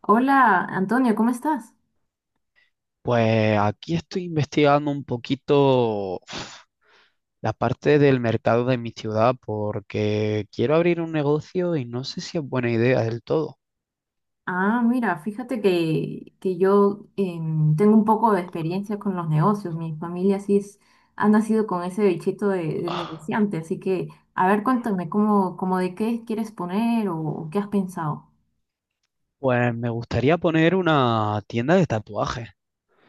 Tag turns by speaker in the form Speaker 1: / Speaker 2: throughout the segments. Speaker 1: Hola, Antonio, ¿cómo estás?
Speaker 2: Pues aquí estoy investigando un poquito la parte del mercado de mi ciudad porque quiero abrir un negocio y no sé si es buena idea del todo.
Speaker 1: Ah, mira, fíjate que yo tengo un poco de experiencia con los negocios. Mi familia sí es, ha nacido con ese bichito de
Speaker 2: Ah,
Speaker 1: negociante, así que, a ver, cuéntame, ¿ cómo de qué quieres poner o qué has pensado?
Speaker 2: pues me gustaría poner una tienda de tatuajes,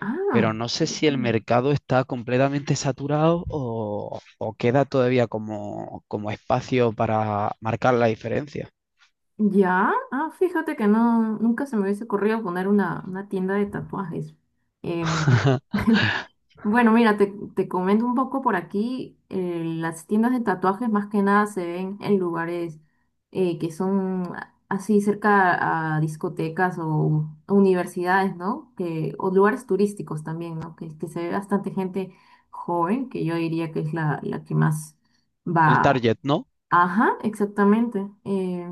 Speaker 1: Ah,
Speaker 2: pero no sé si el
Speaker 1: ujú.
Speaker 2: mercado está completamente saturado o queda todavía como espacio para marcar la diferencia.
Speaker 1: Ya, ah, fíjate que no, nunca se me hubiese ocurrido poner una tienda de tatuajes. Em, Bueno, mira, te comento un poco por aquí. Las tiendas de tatuajes más que nada se ven en lugares que son así cerca a discotecas o universidades, ¿no? Que, o lugares turísticos también, ¿no? Que se ve bastante gente joven, que yo diría que es la que más
Speaker 2: El
Speaker 1: va.
Speaker 2: target, ¿no?
Speaker 1: Ajá, exactamente.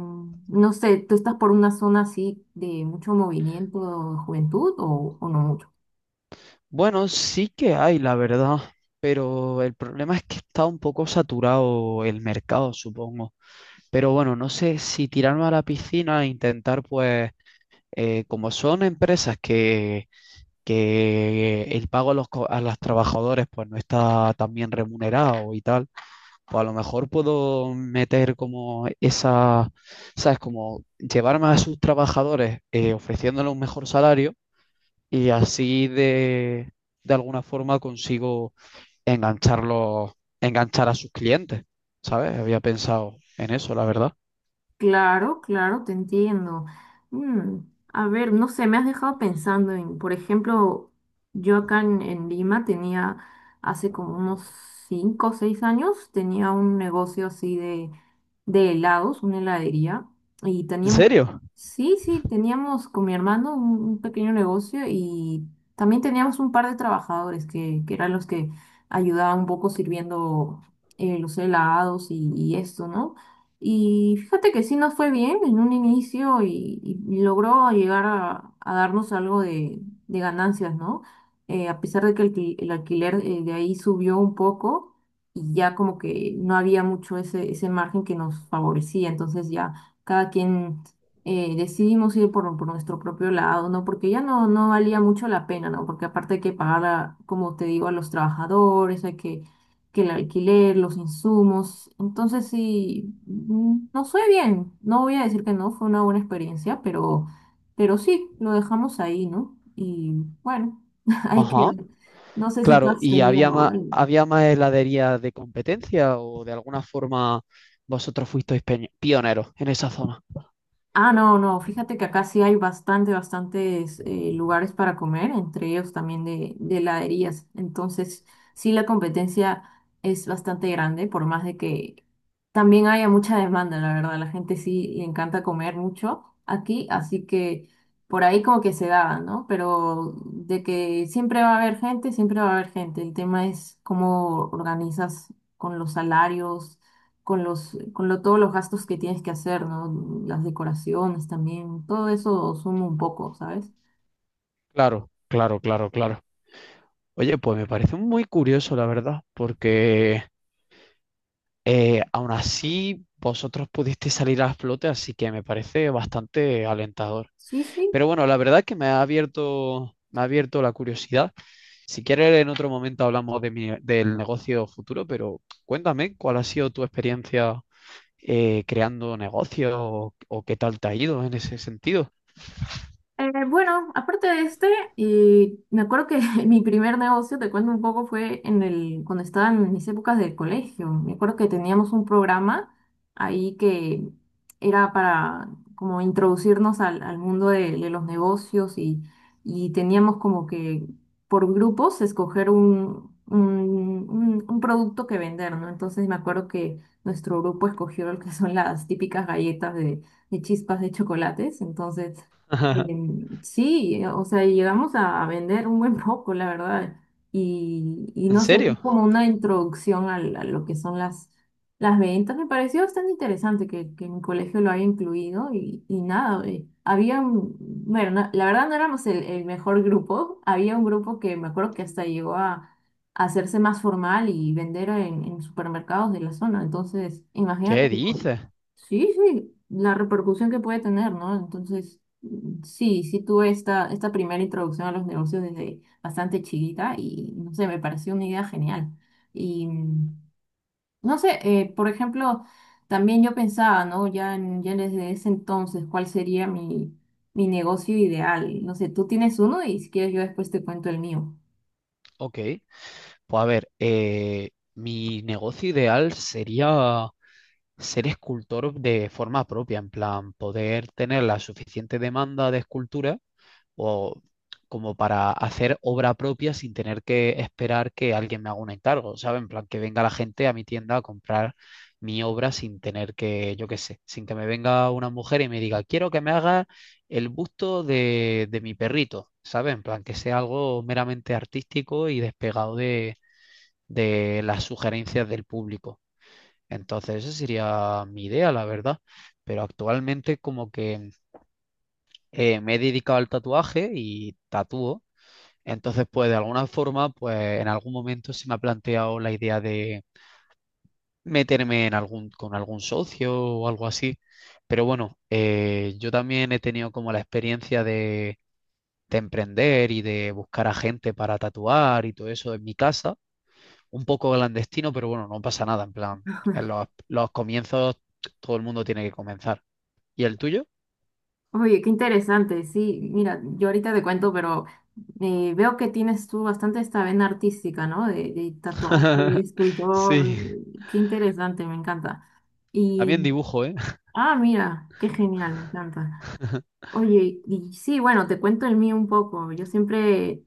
Speaker 1: No sé, ¿tú estás por una zona así de mucho movimiento de juventud o no mucho?
Speaker 2: Bueno, sí que hay, la verdad, pero el problema es que está un poco saturado el mercado, supongo. Pero bueno, no sé si tirarme a la piscina e intentar, pues, como son empresas que el pago a los trabajadores, pues, no está tan bien remunerado y tal, pues a lo mejor puedo meter como esa, ¿sabes? Como llevarme a sus trabajadores ofreciéndoles un mejor salario y así de alguna forma consigo engancharlos, enganchar a sus clientes, ¿sabes? Había pensado en eso, la verdad.
Speaker 1: Claro, claro, te entiendo. Mm, a ver, no sé, me has dejado pensando en, por ejemplo, yo acá en Lima tenía, hace como unos 5 o 6 años, tenía un negocio así de helados, una heladería, y
Speaker 2: ¿En
Speaker 1: teníamos,
Speaker 2: serio?
Speaker 1: sí, sí, teníamos con mi hermano un pequeño negocio y también teníamos un par de trabajadores que eran los que ayudaban un poco sirviendo los helados y esto, ¿no? Y fíjate que sí nos fue bien en un inicio y logró llegar a darnos algo de ganancias, ¿no? A pesar de que el, el alquiler de ahí subió un poco y ya como que no había mucho ese, ese margen que nos favorecía, entonces ya cada quien decidimos ir por nuestro propio lado, ¿no? Porque ya no, no valía mucho la pena, ¿no? Porque aparte hay que pagar, como te digo, a los trabajadores, hay que el alquiler, los insumos. Entonces sí, nos fue bien. No voy a decir que no, fue una buena experiencia, pero sí, lo dejamos ahí, ¿no? Y bueno, hay que...
Speaker 2: Ajá.
Speaker 1: No sé si tú
Speaker 2: Claro,
Speaker 1: has
Speaker 2: ¿y
Speaker 1: tenido
Speaker 2: había más,
Speaker 1: algo.
Speaker 2: había más heladerías de competencia o de alguna forma vosotros fuisteis pioneros en esa zona?
Speaker 1: Ah, no, no, fíjate que acá sí hay bastante, bastantes lugares para comer, entre ellos también de heladerías. Entonces, sí, la competencia es bastante grande, por más de que también haya mucha demanda, la verdad. La gente sí le encanta comer mucho aquí, así que por ahí como que se da, ¿no? Pero de que siempre va a haber gente, siempre va a haber gente. El tema es cómo organizas con los salarios con los, con lo, todos los gastos que tienes que hacer, ¿no? Las decoraciones también, todo eso suma un poco, ¿sabes?
Speaker 2: Claro, claro, claro, claro. Oye, pues me parece muy curioso, la verdad, porque aún así vosotros pudisteis salir a flote, así que me parece bastante alentador.
Speaker 1: Sí, sí.
Speaker 2: Pero bueno, la verdad es que me ha abierto la curiosidad. Si quieres, en otro momento hablamos de del negocio futuro, pero cuéntame cuál ha sido tu experiencia creando negocios o qué tal te ha ido en ese sentido.
Speaker 1: Bueno, aparte de este, me acuerdo que mi primer negocio, te cuento un poco, fue en el, cuando estaba en mis épocas del colegio. Me acuerdo que teníamos un programa ahí que era para como introducirnos al mundo de los negocios y teníamos como que por grupos escoger un, un producto que vender, ¿no? Entonces me acuerdo que nuestro grupo escogió lo que son las típicas galletas de chispas de chocolates. Entonces... Sí, o sea, y llegamos a vender un buen poco, la verdad. Y
Speaker 2: ¿En
Speaker 1: no sé, fue
Speaker 2: serio?
Speaker 1: como una introducción a, lo que son las ventas. Me pareció bastante interesante que mi colegio lo haya incluido y nada, había, bueno, la verdad no éramos el mejor grupo. Había un grupo que me acuerdo que hasta llegó a hacerse más formal y vender en supermercados de la zona. Entonces, imagínate,
Speaker 2: ¿Qué dices?
Speaker 1: sí, sí, la repercusión que puede tener, ¿no? Entonces... Sí, sí tuve esta, esta primera introducción a los negocios desde bastante chiquita y no sé, me pareció una idea genial. Y no sé, por ejemplo, también yo pensaba, ¿no? Ya, ya desde ese entonces, ¿cuál sería mi, mi negocio ideal? No sé, tú tienes uno y si quieres yo después te cuento el mío.
Speaker 2: Ok, pues a ver, mi negocio ideal sería ser escultor de forma propia, en plan, poder tener la suficiente demanda de escultura o como para hacer obra propia sin tener que esperar que alguien me haga un encargo, ¿sabes? En plan, que venga la gente a mi tienda a comprar mi obra sin tener que, yo qué sé, sin que me venga una mujer y me diga, quiero que me haga el busto de mi perrito, ¿sabes? En plan, que sea algo meramente artístico y despegado de las sugerencias del público. Entonces, esa sería mi idea, la verdad. Pero actualmente como que me he dedicado al tatuaje y tatúo entonces, pues de alguna forma, pues en algún momento se me ha planteado la idea de meterme en algún, con algún socio o algo así. Pero bueno, yo también he tenido como la experiencia de emprender y de buscar a gente para tatuar y todo eso en mi casa. Un poco clandestino, pero bueno, no pasa nada. En plan, en los comienzos todo el mundo tiene que comenzar. ¿Y el tuyo?
Speaker 1: Oye, qué interesante, sí, mira, yo ahorita te cuento, pero veo que tienes tú bastante esta vena artística, ¿no? De tatuaje, de escultor,
Speaker 2: Sí,
Speaker 1: qué interesante, me encanta.
Speaker 2: también
Speaker 1: Y,
Speaker 2: dibujo, ¿eh?
Speaker 1: ah, mira, qué genial, me encanta. Oye, y sí, bueno, te cuento el mío un poco. Yo siempre,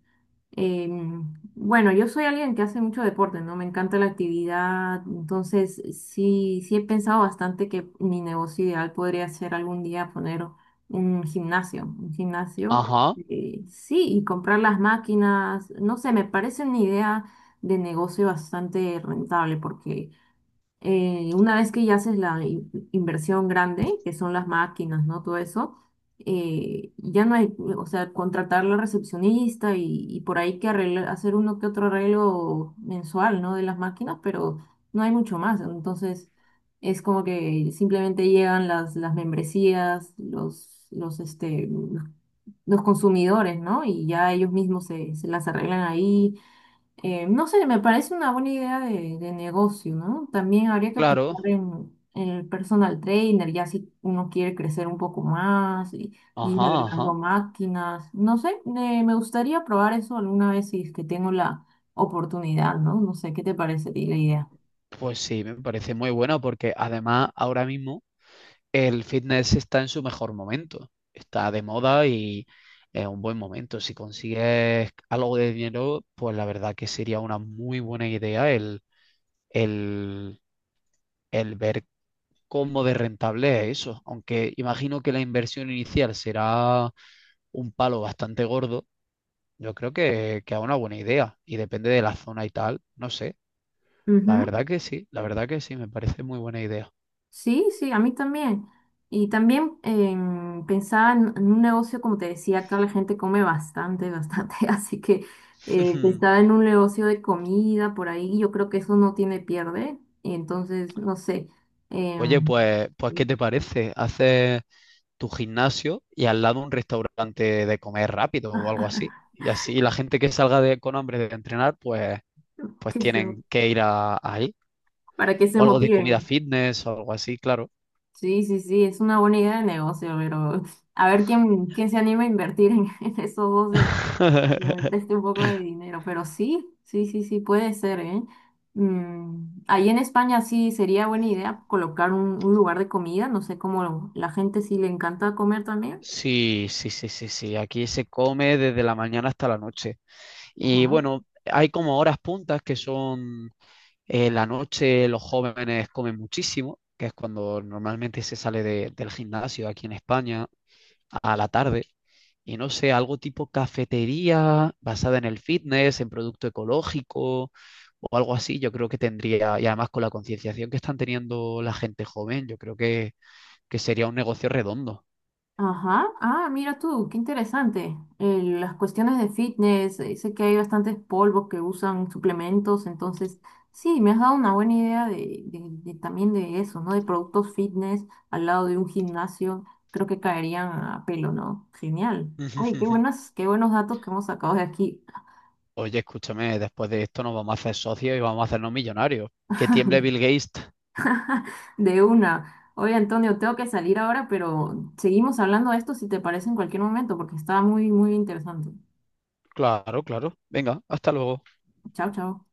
Speaker 1: bueno, yo soy alguien que hace mucho deporte, ¿no? Me encanta la actividad, entonces sí, sí he pensado bastante que mi negocio ideal podría ser algún día poner un gimnasio,
Speaker 2: Ajá,
Speaker 1: sí, y comprar las máquinas, no sé, me parece una idea de negocio bastante rentable porque una vez que ya haces la inversión grande, que son las máquinas, ¿no? Todo eso, ya no hay, o sea, contratar la recepcionista y por ahí que hacer uno que otro arreglo mensual, ¿no? De las máquinas, pero no hay mucho más. Entonces, es como que simplemente llegan las membresías, los, este, los consumidores, ¿no? Y ya ellos mismos se, se las arreglan ahí no sé, me parece una buena idea de negocio, ¿no? También habría que
Speaker 2: claro.
Speaker 1: pensar en el personal trainer, ya si uno quiere crecer un poco más y ir
Speaker 2: Ajá,
Speaker 1: agregando
Speaker 2: ajá.
Speaker 1: máquinas. No sé, me gustaría probar eso alguna vez si es que tengo la oportunidad, ¿no? No sé, ¿qué te parece a ti la idea?
Speaker 2: Pues sí, me parece muy bueno porque además ahora mismo el fitness está en su mejor momento, está de moda y es un buen momento. Si consigues algo de dinero, pues la verdad que sería una muy buena idea el, el ver cómo de rentable es eso. Aunque imagino que la inversión inicial será un palo bastante gordo, yo creo que, es una buena idea y depende de la zona y tal, no sé. La verdad que sí, la verdad que sí, me parece muy buena idea.
Speaker 1: Sí, sí, a mí también. Y también pensaba en un negocio, como te decía, acá la gente come bastante, bastante, así que pensaba en un negocio de comida por ahí, y yo creo que eso no tiene pierde, Y entonces, no sé,
Speaker 2: Oye,
Speaker 1: em,
Speaker 2: pues, ¿qué
Speaker 1: Sí.
Speaker 2: te parece? Haces tu gimnasio y al lado un restaurante de comer rápido o algo así. Y así la gente que salga con hambre de entrenar, pues
Speaker 1: que se-
Speaker 2: tienen que ir ahí.
Speaker 1: para que
Speaker 2: O
Speaker 1: se
Speaker 2: algo de
Speaker 1: motiven.
Speaker 2: comida fitness o algo así, claro.
Speaker 1: Sí, sí, sí, es una buena idea de negocio, pero a ver quién, quién se anima a invertir en, en esos dos que me preste un poco de dinero, pero sí, sí, sí, sí, puede ser, ¿eh? Ahí en España sí sería buena idea colocar un lugar de comida, no sé cómo la gente sí le encanta comer también.
Speaker 2: Sí, sí, sí, sí, sí. Aquí se come desde la mañana hasta la noche. Y bueno, hay como horas puntas que son la noche, los jóvenes comen muchísimo, que es cuando normalmente se sale del gimnasio aquí en España. A la tarde y no sé, algo tipo cafetería basada en el fitness, en producto ecológico o algo así, yo creo que tendría, y además con la concienciación que están teniendo la gente joven, yo creo que sería un negocio redondo.
Speaker 1: Ajá, ah, mira tú, qué interesante. Las cuestiones de fitness, sé que hay bastantes polvos que usan suplementos, entonces sí, me has dado una buena idea de, de también de eso, ¿no? De productos fitness al lado de un gimnasio, creo que caerían a pelo, ¿no? Genial. Oye, qué buenas, qué buenos datos que hemos sacado de aquí,
Speaker 2: Oye, escúchame, después de esto nos vamos a hacer socios y vamos a hacernos millonarios. Que tiemble Bill Gates.
Speaker 1: de una. Oye, Antonio, tengo que salir ahora, pero seguimos hablando de esto si te parece en cualquier momento, porque está muy, muy interesante.
Speaker 2: Claro, claro. Venga, hasta luego.
Speaker 1: Chao, chao.